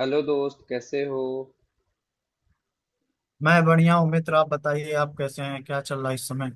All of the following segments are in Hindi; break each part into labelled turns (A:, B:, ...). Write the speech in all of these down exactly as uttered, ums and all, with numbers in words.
A: हेलो दोस्त, कैसे हो।
B: मैं बढ़िया हूँ मित्र। आप बताइए, आप कैसे हैं? क्या चल रहा है इस समय?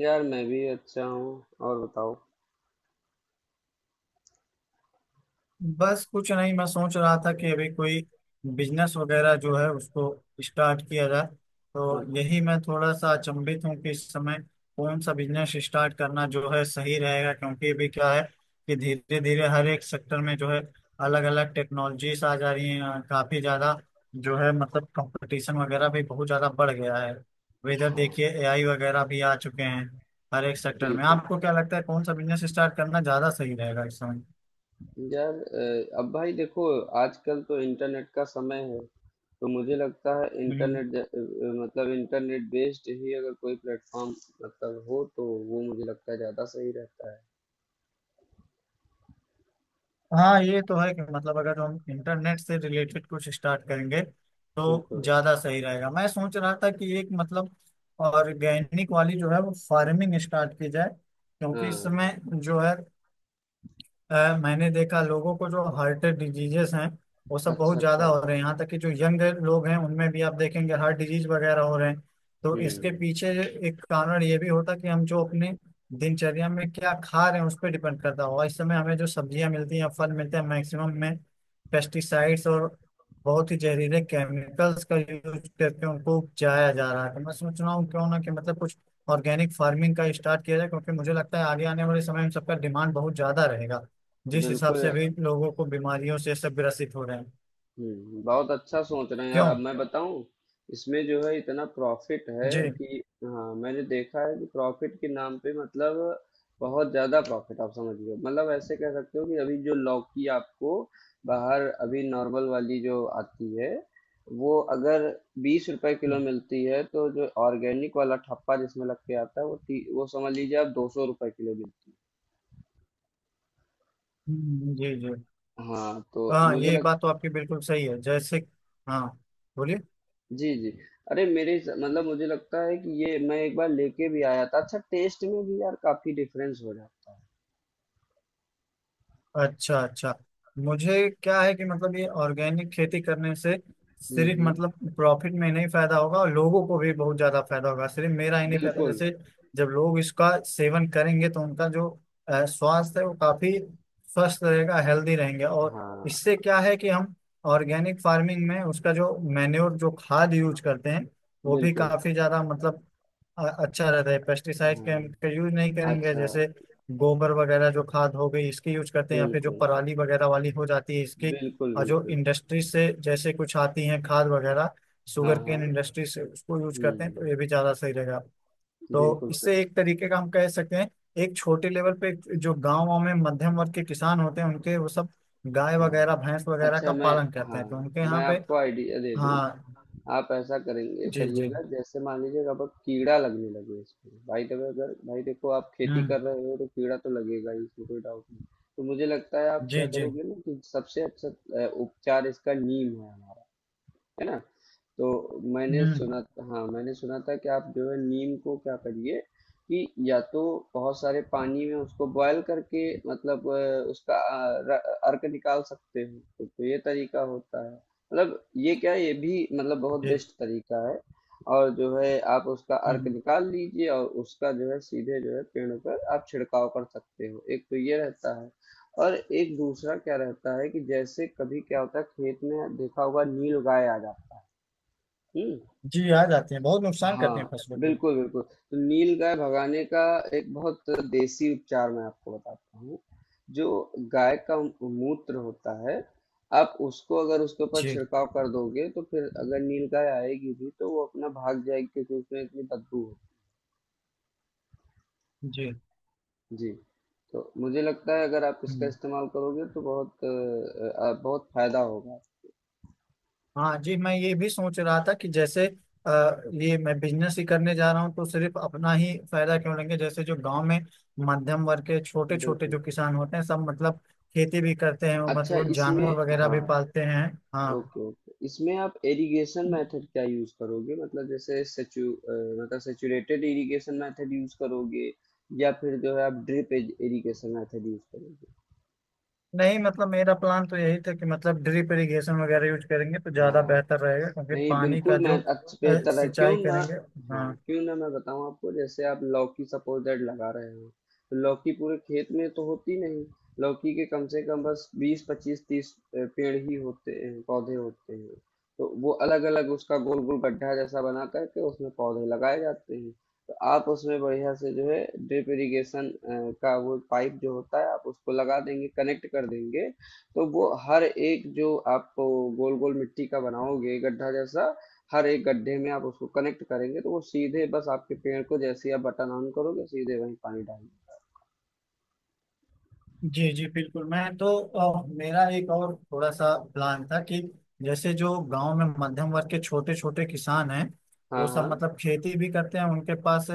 A: यार मैं भी अच्छा हूँ। और बताओ।
B: बस कुछ नहीं, मैं सोच रहा था कि अभी कोई बिजनेस वगैरह जो है उसको स्टार्ट किया जाए। तो यही
A: अच्छा।
B: मैं थोड़ा सा अचंभित हूँ कि इस समय कौन सा बिजनेस स्टार्ट करना जो है सही रहेगा, क्योंकि अभी क्या है कि धीरे धीरे हर एक सेक्टर में जो है अलग अलग टेक्नोलॉजीज आ जा रही हैं, काफी ज्यादा जो है मतलब कंपटीशन वगैरह भी बहुत ज्यादा बढ़ गया है। अब इधर देखिए
A: हाँ।
B: एआई वगैरह भी आ चुके हैं हर एक सेक्टर में।
A: बिल्कुल।
B: आपको क्या लगता है कौन सा बिजनेस स्टार्ट करना ज्यादा सही रहेगा इस समय?
A: यार अ, अब भाई देखो, आजकल तो इंटरनेट का समय है। तो मुझे लगता है
B: हम्म।
A: इंटरनेट ज- अ, मतलब इंटरनेट बेस्ड ही अगर कोई प्लेटफॉर्म मतलब हो तो वो मुझे लगता है ज़्यादा सही रहता है।
B: हाँ, ये तो है कि मतलब अगर हम इंटरनेट से रिलेटेड कुछ स्टार्ट करेंगे तो
A: बिल्कुल।
B: ज्यादा सही रहेगा। मैं सोच रहा था कि एक मतलब ऑर्गेनिक वाली जो है वो फार्मिंग स्टार्ट की जाए, क्योंकि इस
A: हाँ।
B: समय जो है अ, मैंने देखा लोगों को जो हार्ट डिजीजेस हैं वो सब
A: अच्छा,
B: बहुत ज्यादा
A: अच्छा।
B: हो रहे हैं, यहाँ तक कि जो यंग लोग हैं उनमें भी आप देखेंगे हार्ट डिजीज वगैरह हो रहे हैं। तो इसके
A: हम्म।
B: पीछे एक कारण ये भी होता है कि हम जो अपने दिनचर्या में क्या खा रहे हैं उस पर डिपेंड करता होगा। इस समय हमें जो सब्जियां मिलती हैं फल मिलते हैं मैक्सिमम में पेस्टिसाइड्स और बहुत ही जहरीले केमिकल्स का यूज करके उनको उपजाया जा रहा है। तो मैं सोच रहा हूँ क्यों ना कि मतलब कुछ ऑर्गेनिक फार्मिंग का स्टार्ट किया जाए, क्योंकि मुझे लगता है आगे आने वाले समय में सबका डिमांड बहुत ज्यादा रहेगा, जिस हिसाब
A: बिल्कुल।
B: से अभी लोगों को बीमारियों से सब ग्रसित हो रहे हैं।
A: हम्म, बहुत अच्छा सोच रहे हैं यार। अब
B: क्यों?
A: मैं बताऊं, इसमें जो है इतना प्रॉफिट है
B: जी।
A: कि, हाँ मैंने देखा है कि प्रॉफिट के नाम पे मतलब बहुत ज्यादा प्रॉफिट। आप समझ लो मतलब ऐसे कह सकते हो कि अभी जो लौकी आपको बाहर अभी नॉर्मल वाली जो आती है, वो अगर बीस रुपए किलो मिलती है, तो जो ऑर्गेनिक वाला ठप्पा जिसमें लग के आता है वो ती- वो समझ लीजिए आप दो सौ रुपए किलो मिलती है।
B: हम्म, जी जी।
A: हाँ तो
B: हाँ,
A: मुझे।
B: ये बात तो आपकी बिल्कुल सही है। जैसे, हाँ, बोलिए।
A: जी, जी। अरे मेरे स मतलब मुझे लगता है कि ये मैं एक बार लेके भी आया था। अच्छा टेस्ट में भी यार काफ़ी डिफरेंस हो जाता।
B: अच्छा अच्छा। मुझे क्या है कि मतलब ये ऑर्गेनिक खेती करने से
A: हुँ,
B: सिर्फ
A: हुँ।
B: मतलब प्रॉफिट में नहीं फायदा होगा, और लोगों को भी बहुत ज्यादा फायदा होगा, सिर्फ मेरा ही नहीं फायदा।
A: बिल्कुल,
B: जैसे जब लोग इसका सेवन करेंगे तो उनका जो अ, स्वास्थ्य है वो काफी स्वस्थ रहेगा, हेल्दी रहेंगे। और
A: हाँ,
B: इससे क्या है कि हम ऑर्गेनिक फार्मिंग में उसका जो मैन्योर जो खाद यूज करते हैं वो भी
A: बिल्कुल,
B: काफी ज्यादा मतलब अ- अच्छा रहता है। पेस्टिसाइड के हम
A: हाँ।
B: का यूज नहीं करेंगे।
A: अच्छा।
B: जैसे गोबर वगैरह जो खाद हो गई इसकी यूज करते हैं, या फिर जो
A: बिल्कुल,
B: पराली वगैरह वाली हो जाती है इसकी,
A: बिल्कुल,
B: और जो
A: बिल्कुल।
B: इंडस्ट्री से जैसे कुछ आती है खाद वगैरह
A: हाँ,
B: शुगर केन
A: हाँ।
B: इंडस्ट्री से उसको यूज करते हैं, तो
A: हुँ।
B: ये भी ज्यादा सही रहेगा। तो
A: बिल्कुल स
B: इससे एक तरीके का हम कह सकते हैं एक छोटे लेवल पे जो गाँव में मध्यम वर्ग के किसान होते हैं उनके वो सब गाय
A: हाँ।
B: वगैरह भैंस वगैरह का
A: अच्छा मैं।
B: पालन करते
A: हाँ,
B: हैं, तो उनके
A: मैं
B: यहाँ पे।
A: आपको आइडिया दे दूँ।
B: हाँ
A: आप ऐसा करेंगे,
B: जी। जी।
A: करिएगा, जैसे मान लीजिए अब अब कीड़ा लगने लगे इसमें। भाई देखो, अगर भाई देखो, आप खेती
B: हम्म।
A: कर रहे हो तो कीड़ा तो लगेगा ही इसमें, कोई डाउट नहीं। तो मुझे लगता है आप क्या
B: जी जी।
A: करोगे ना, कि सबसे अच्छा अ, उपचार इसका नीम है हमारा, है ना। तो मैंने
B: हम्म।
A: सुना। हाँ मैंने सुना था कि आप जो है नीम को क्या करिए, कि या तो बहुत सारे पानी में उसको बॉयल करके मतलब अ, उसका अ, र- अर्क निकाल सकते हो, तो, तो ये तरीका होता है, मतलब ये क्या, ये भी मतलब बहुत
B: जी।
A: बेस्ट तरीका है। और जो है आप उसका अर्क
B: हम्म।
A: निकाल लीजिए, और उसका जो है सीधे जो है पेड़ पर आप छिड़काव कर सकते हो, एक तो ये रहता है। और एक दूसरा क्या रहता है कि जैसे कभी क्या होता है, खेत में देखा होगा, नील गाय आ जाती है। हम्म।
B: जी आ जाते हैं, बहुत नुकसान करते हैं
A: हाँ,
B: फसलों पे।
A: बिल्कुल, बिल्कुल। तो नीलगाय भगाने का एक बहुत देसी उपचार मैं आपको बताता हूँ। जो गाय का मूत्र होता है, आप उसको अगर उसके ऊपर
B: जी
A: छिड़काव कर दोगे, तो फिर अगर नीलगाय आएगी भी तो वो अपना भाग जाएगी, क्योंकि उसमें इतनी बदबू होती
B: जी।
A: है। जी, तो मुझे लगता है अगर आप इसका
B: हम्म,
A: इस्तेमाल करोगे तो बहुत अ अ, बहुत फायदा होगा।
B: हाँ जी। मैं ये भी सोच रहा था कि जैसे अ, ये मैं बिजनेस ही करने जा रहा हूँ, तो सिर्फ अपना ही फायदा क्यों लेंगे। जैसे जो गांव में मध्यम वर्ग के छोटे छोटे
A: बिल्कुल।
B: जो किसान होते हैं सब मतलब खेती भी करते हैं, वो
A: अच्छा,
B: मतलब
A: इसमें।
B: जानवर वगैरह भी
A: हाँ।
B: पालते हैं। हाँ।
A: ओके, ओके, इसमें आप इरिगेशन मेथड क्या यूज करोगे? मतलब जैसे सेचु अ, मतलब सेचुरेटेड इरिगेशन मेथड यूज करोगे, या फिर जो है आप ड्रिप इरिगेशन मेथड यूज करोगे?
B: नहीं, मतलब मेरा प्लान तो यही था कि मतलब ड्रिप इरिगेशन वगैरह यूज करेंगे तो ज्यादा
A: हाँ,
B: बेहतर रहेगा, क्योंकि
A: नहीं
B: पानी का
A: बिल्कुल, मैं
B: जो अ,
A: अच्छा बेहतर है, क्यों
B: सिंचाई
A: मैं।
B: करेंगे।
A: हाँ
B: हाँ।
A: क्यों ना मैं बताऊं आपको, जैसे आप लौकी सपोज दैट लगा रहे हो, तो लौकी पूरे खेत में तो होती नहीं। लौकी के कम से कम बस बीस, पच्चीस, तीस पेड़ ही होते हैं, पौधे होते हैं। तो वो अलग अलग उसका गोल गोल गड्ढा जैसा बना करके उसमें पौधे लगाए जाते हैं। तो आप उसमें बढ़िया से जो है ड्रिप इरिगेशन का वो पाइप जो होता है आप उसको लगा देंगे, कनेक्ट कर देंगे। तो वो हर एक जो आप गोल गोल मिट्टी का बनाओगे गड्ढा जैसा, हर एक गड्ढे में आप उसको कनेक्ट करेंगे, तो वो सीधे बस आपके पेड़ को, जैसे ही आप बटन ऑन करोगे, सीधे वहीं पानी डालेंगे।
B: जी जी बिल्कुल। मैं तो अ, मेरा एक और थोड़ा सा प्लान था कि जैसे जो गांव में मध्यम वर्ग के छोटे छोटे किसान हैं
A: हाँ,
B: वो सब मतलब
A: हाँ।
B: खेती भी करते हैं उनके पास,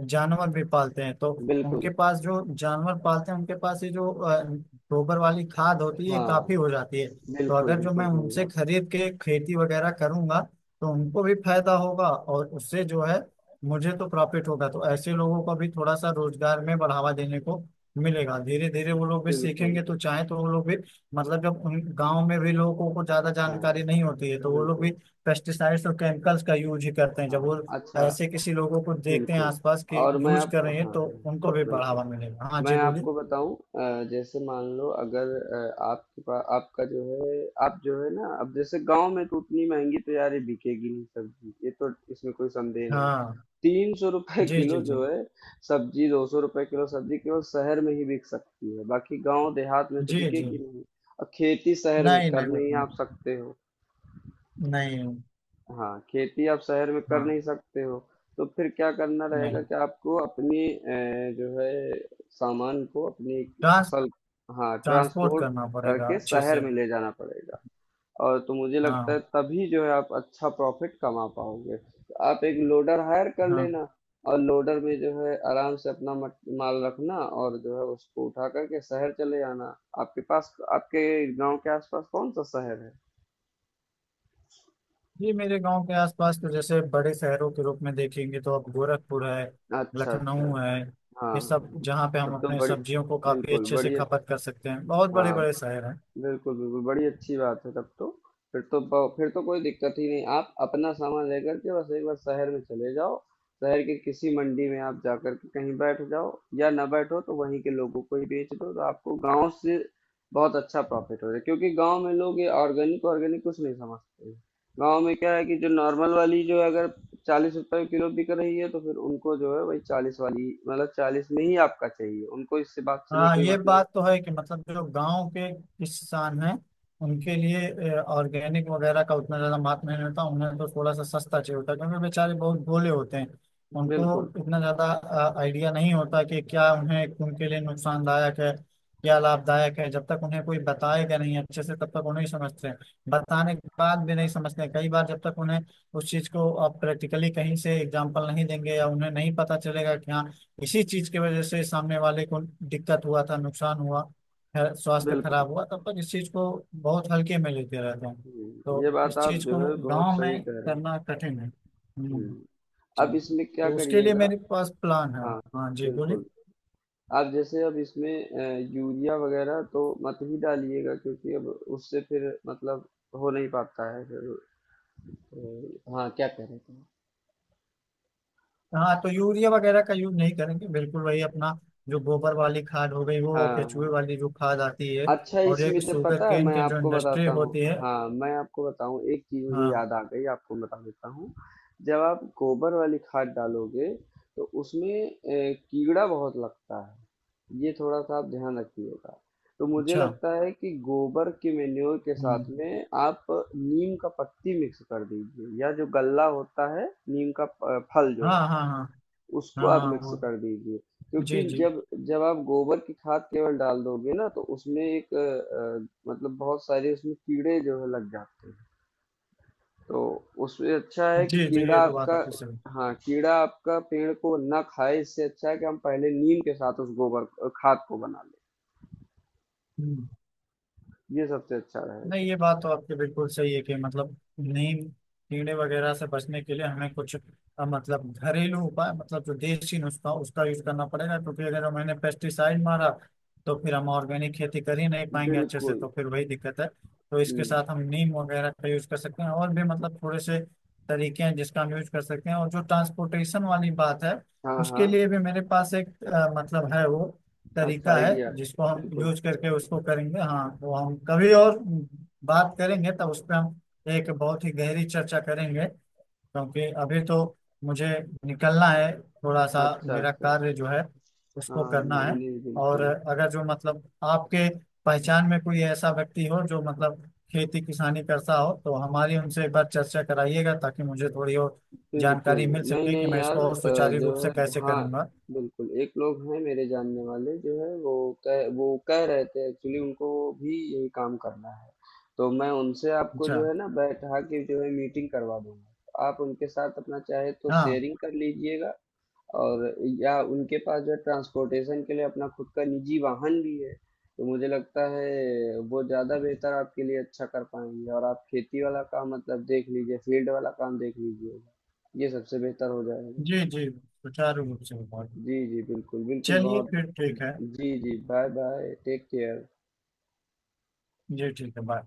B: जानवर भी पालते हैं। तो उनके
A: बिल्कुल।
B: पास जो जानवर पालते हैं उनके पास ये जो अ, गोबर वाली खाद होती है ये काफी
A: हाँ।
B: हो जाती है। तो
A: बिल्कुल,
B: अगर जो मैं
A: बिल्कुल सही
B: उनसे
A: बात।
B: खरीद के खेती वगैरह करूंगा तो उनको भी फायदा होगा और उससे जो है मुझे तो प्रॉफिट होगा। तो ऐसे लोगों को भी थोड़ा सा रोजगार में बढ़ावा देने को मिलेगा, धीरे धीरे वो लोग भी
A: बिल्कुल।
B: सीखेंगे तो चाहे तो वो लोग भी मतलब, जब उन गांव में भी लोगों को ज्यादा
A: हाँ।
B: जानकारी नहीं होती है तो वो लोग भी
A: बिल्कुल।
B: पेस्टिसाइड्स और केमिकल्स का यूज ही करते हैं। जब
A: हाँ।
B: वो
A: अच्छा।
B: ऐसे किसी लोगों को देखते हैं
A: बिल्कुल।
B: आसपास के
A: और मैं
B: यूज
A: आप।
B: कर रहे हैं
A: हाँ।
B: तो उनको भी
A: बिल्कुल।
B: बढ़ावा मिलेगा। हाँ जी
A: मैं
B: बोलिए।
A: आपको बताऊं अ, जैसे मान लो, अगर अ, आपके पास आपका जो है, आप जो है ना, अब जैसे गांव में तो उतनी महंगी तो यार ये बिकेगी नहीं सब्जी, ये तो इसमें कोई संदेह नहीं।
B: हाँ।
A: तीन सौ रुपए
B: जी जी
A: किलो
B: जी।
A: जो है सब्जी, दो सौ रुपए किलो सब्जी केवल शहर में ही बिक सकती है, बाकी गांव देहात में तो
B: जी जी।
A: बिकेगी नहीं। और खेती शहर में
B: नहीं
A: कर
B: नहीं, वो
A: नहीं
B: तो,
A: आप सकते हो।
B: नहीं।
A: हाँ, खेती आप शहर में कर
B: हाँ।
A: नहीं सकते हो। तो फिर क्या करना रहेगा
B: नहीं,
A: कि आपको अपनी अ, जो है सामान को, अपनी
B: ट्रांस
A: फसल, हाँ
B: ट्रांसपोर्ट
A: ट्रांसपोर्ट
B: करना पड़ेगा
A: करके
B: अच्छे
A: शहर
B: से।
A: में ले जाना पड़ेगा। और तो मुझे लगता है
B: हाँ।
A: तभी जो है आप अच्छा प्रॉफिट कमा पाओगे। तो आप एक लोडर हायर कर
B: हाँ।
A: लेना, और लोडर में जो है आराम से अपना मट- माल रखना, और जो है उसको उठा करके शहर चले आना। आपके पास आपके गांव के आसपास कौन सा शहर है?
B: जी, मेरे गांव के आसपास तो जैसे बड़े शहरों के रूप में देखेंगे तो अब गोरखपुर है,
A: अच्छा, अच्छा।
B: लखनऊ है,
A: हाँ,
B: ये सब,
A: हाँ।
B: जहाँ पे हम
A: तब तो
B: अपने
A: बड़ी,
B: सब्जियों को काफी
A: बिल्कुल,
B: अच्छे से
A: बड़ी अच्छी।
B: खपत कर सकते हैं, बहुत बड़े
A: हाँ।
B: बड़े शहर हैं।
A: बिल्कुल, बिल्कुल, बड़ी अच्छी बात है तब तो। फिर तो ब- फिर तो कोई दिक्कत ही नहीं। आप अपना सामान लेकर के बस एक बार शहर में चले जाओ, शहर के किसी मंडी में आप जाकर के कहीं बैठ जाओ, या ना बैठो तो वहीं के लोगों को ही बेच दो, तो आपको गांव से बहुत अच्छा प्रॉफिट हो जाए। क्योंकि गांव में लोग ये ऑर्गेनिक ऑर्गेनिक कुछ नहीं समझते हैं। गांव में क्या है कि जो नॉर्मल वाली जो है, अगर चालीस रुपए किलो बिक रही है, तो फिर उनको जो है वही चालीस वाली, मतलब चालीस में ही आपका चाहिए उनको, इससे बात से नहीं
B: हाँ,
A: कोई
B: ये
A: मतलब।
B: बात तो है कि मतलब जो गांव के किसान हैं उनके लिए ऑर्गेनिक वगैरह का उतना ज्यादा महत्व नहीं होता, उन्हें तो थोड़ा सा सस्ता चाहिए होता है, क्योंकि बेचारे बहुत भोले होते हैं।
A: बिल्कुल।
B: उनको इतना ज्यादा आइडिया नहीं होता कि क्या उन्हें उनके लिए नुकसानदायक है, क्या लाभदायक है। जब तक उन्हें कोई बताएगा नहीं अच्छे से तब तक वो नहीं समझते हैं। बताने के बाद भी नहीं समझते हैं। कई बार जब तक उन्हें उस चीज को आप प्रैक्टिकली कहीं से एग्जाम्पल नहीं देंगे, या उन्हें नहीं पता चलेगा कि हाँ इसी चीज की वजह से सामने वाले को दिक्कत हुआ था, नुकसान हुआ है, स्वास्थ्य
A: बिल्कुल।
B: खराब हुआ, तब तक इस चीज को बहुत हल्के में लेते रहते हैं।
A: हुँ, ये
B: तो
A: बात
B: इस
A: आप
B: चीज को
A: जो है बहुत
B: गांव
A: सही
B: में
A: कह रहे हैं।
B: करना कठिन है। हम्म,
A: हुँ,
B: जी।
A: अब इसमें क्या
B: तो उसके लिए
A: करिएगा।
B: मेरे पास प्लान है।
A: हाँ,
B: हाँ जी बोलिए।
A: बिल्कुल। आप जैसे अब इसमें अ, यूरिया वग़ैरह तो मत ही डालिएगा, क्योंकि अब उससे फिर मतलब हो नहीं पाता है फिर। अ, हाँ, क्या कह रहे थे?
B: हाँ, तो यूरिया वगैरह का यूज नहीं करेंगे बिल्कुल। वही अपना जो गोबर वाली खाद हो गई, वो
A: हाँ,
B: केचुए
A: हाँ।
B: वाली जो खाद आती है,
A: अच्छा,
B: और एक
A: इसमें तो
B: शुगर
A: पता है
B: केन
A: मैं
B: की जो
A: आपको
B: इंडस्ट्री
A: बताता हूँ।
B: होती है।
A: हाँ मैं आपको बताऊँ, एक चीज़ मुझे
B: हाँ।
A: याद आ गई, आपको बता देता हूँ। जब आप गोबर वाली खाद डालोगे तो उसमें अ, कीड़ा बहुत लगता है, ये थोड़ा सा आप ध्यान रखिएगा। तो मुझे
B: अच्छा।
A: लगता है कि गोबर के मेन्योर के साथ
B: हम्म,
A: में आप नीम का पत्ती मिक्स कर दीजिए, या जो गल्ला होता है नीम का अ, फल जो,
B: हाँ हाँ हाँ।
A: उसको
B: हाँ
A: आप
B: हाँ,
A: मिक्स
B: वो।
A: कर दीजिए। क्योंकि
B: जी जी।
A: जब जब आप गोबर की खाद केवल डाल दोगे ना, तो उसमें एक अ, अ, मतलब बहुत सारे उसमें कीड़े जो है लग जाते हैं। तो उसमें अच्छा है कि
B: जी, जी,
A: कीड़ा
B: ये तो बात
A: आपका,
B: आपकी सही है।
A: हाँ कीड़ा आपका पेड़ को ना खाए। इससे अच्छा है कि हम पहले नीम के साथ उस गोबर खाद को बना लें,
B: हुँ।
A: ये सबसे अच्छा
B: नहीं,
A: रहेगा।
B: ये बात तो आपकी बिल्कुल सही है कि मतलब नीम कीड़े वगैरह से बचने के लिए हमें कुछ अ, मतलब घरेलू उपाय मतलब जो देसी नुस्खा उसका यूज करना पड़ेगा, क्योंकि अगर हमने पेस्टिसाइड मारा तो फिर हम ऑर्गेनिक खेती कर ही नहीं पाएंगे अच्छे से,
A: बिल्कुल।
B: तो फिर वही दिक्कत है। तो इसके
A: हम्म।
B: साथ हम नीम वगैरह का यूज कर सकते हैं, और भी मतलब थोड़े से तरीके हैं जिसका हम यूज कर सकते हैं। और जो ट्रांसपोर्टेशन वाली बात है
A: हाँ,
B: उसके
A: हाँ।
B: लिए भी मेरे पास एक अ, मतलब है वो
A: अच्छा
B: तरीका है
A: आइडिया।
B: जिसको हम
A: बिल्कुल।
B: यूज करके उसको करेंगे। हाँ, तो हम कभी और बात करेंगे, तब उस पर हम एक बहुत ही गहरी चर्चा करेंगे, क्योंकि अभी तो मुझे निकलना है, थोड़ा सा
A: अच्छा,
B: मेरा
A: अच्छा।
B: कार्य जो है उसको
A: हाँ,
B: करना
A: नहीं
B: है।
A: नहीं,
B: और
A: बिल्कुल।
B: अगर जो मतलब आपके पहचान में कोई ऐसा व्यक्ति हो जो मतलब खेती किसानी करता हो तो हमारी उनसे एक बार चर्चा कराइएगा, ताकि मुझे थोड़ी और
A: बिल्कुल।
B: जानकारी मिल
A: नहीं,
B: सके कि
A: नहीं
B: मैं
A: यार
B: इसको और
A: अ,
B: सुचारू
A: जो
B: रूप से
A: है,
B: कैसे
A: हाँ,
B: करूंगा।
A: बिल्कुल। एक लोग हैं मेरे जानने वाले, जो है वो कह वो कह रहे थे एक्चुअली उनको भी यही काम करना है। तो मैं उनसे आपको
B: अच्छा।
A: जो है ना बैठा के जो है मीटिंग करवा दूँगा। आप उनके साथ अपना चाहे तो
B: हाँ।
A: शेयरिंग कर लीजिएगा। और या उनके पास जो ट्रांसपोर्टेशन के लिए अपना खुद का निजी वाहन भी है, तो मुझे लगता है वो ज़्यादा बेहतर आपके लिए अच्छा कर पाएंगे। और आप खेती वाला काम मतलब देख लीजिए, फील्ड वाला काम देख लीजिएगा, ये सबसे बेहतर हो जाएगा।
B: जी, जी, सुचारू रूप से हुआ।
A: जी, जी, बिल्कुल, बिल्कुल,
B: चलिए
A: बहुत।
B: फिर ठीक है।
A: जी, जी, बाय बाय, टेक केयर।
B: जी, ठीक है, बाय।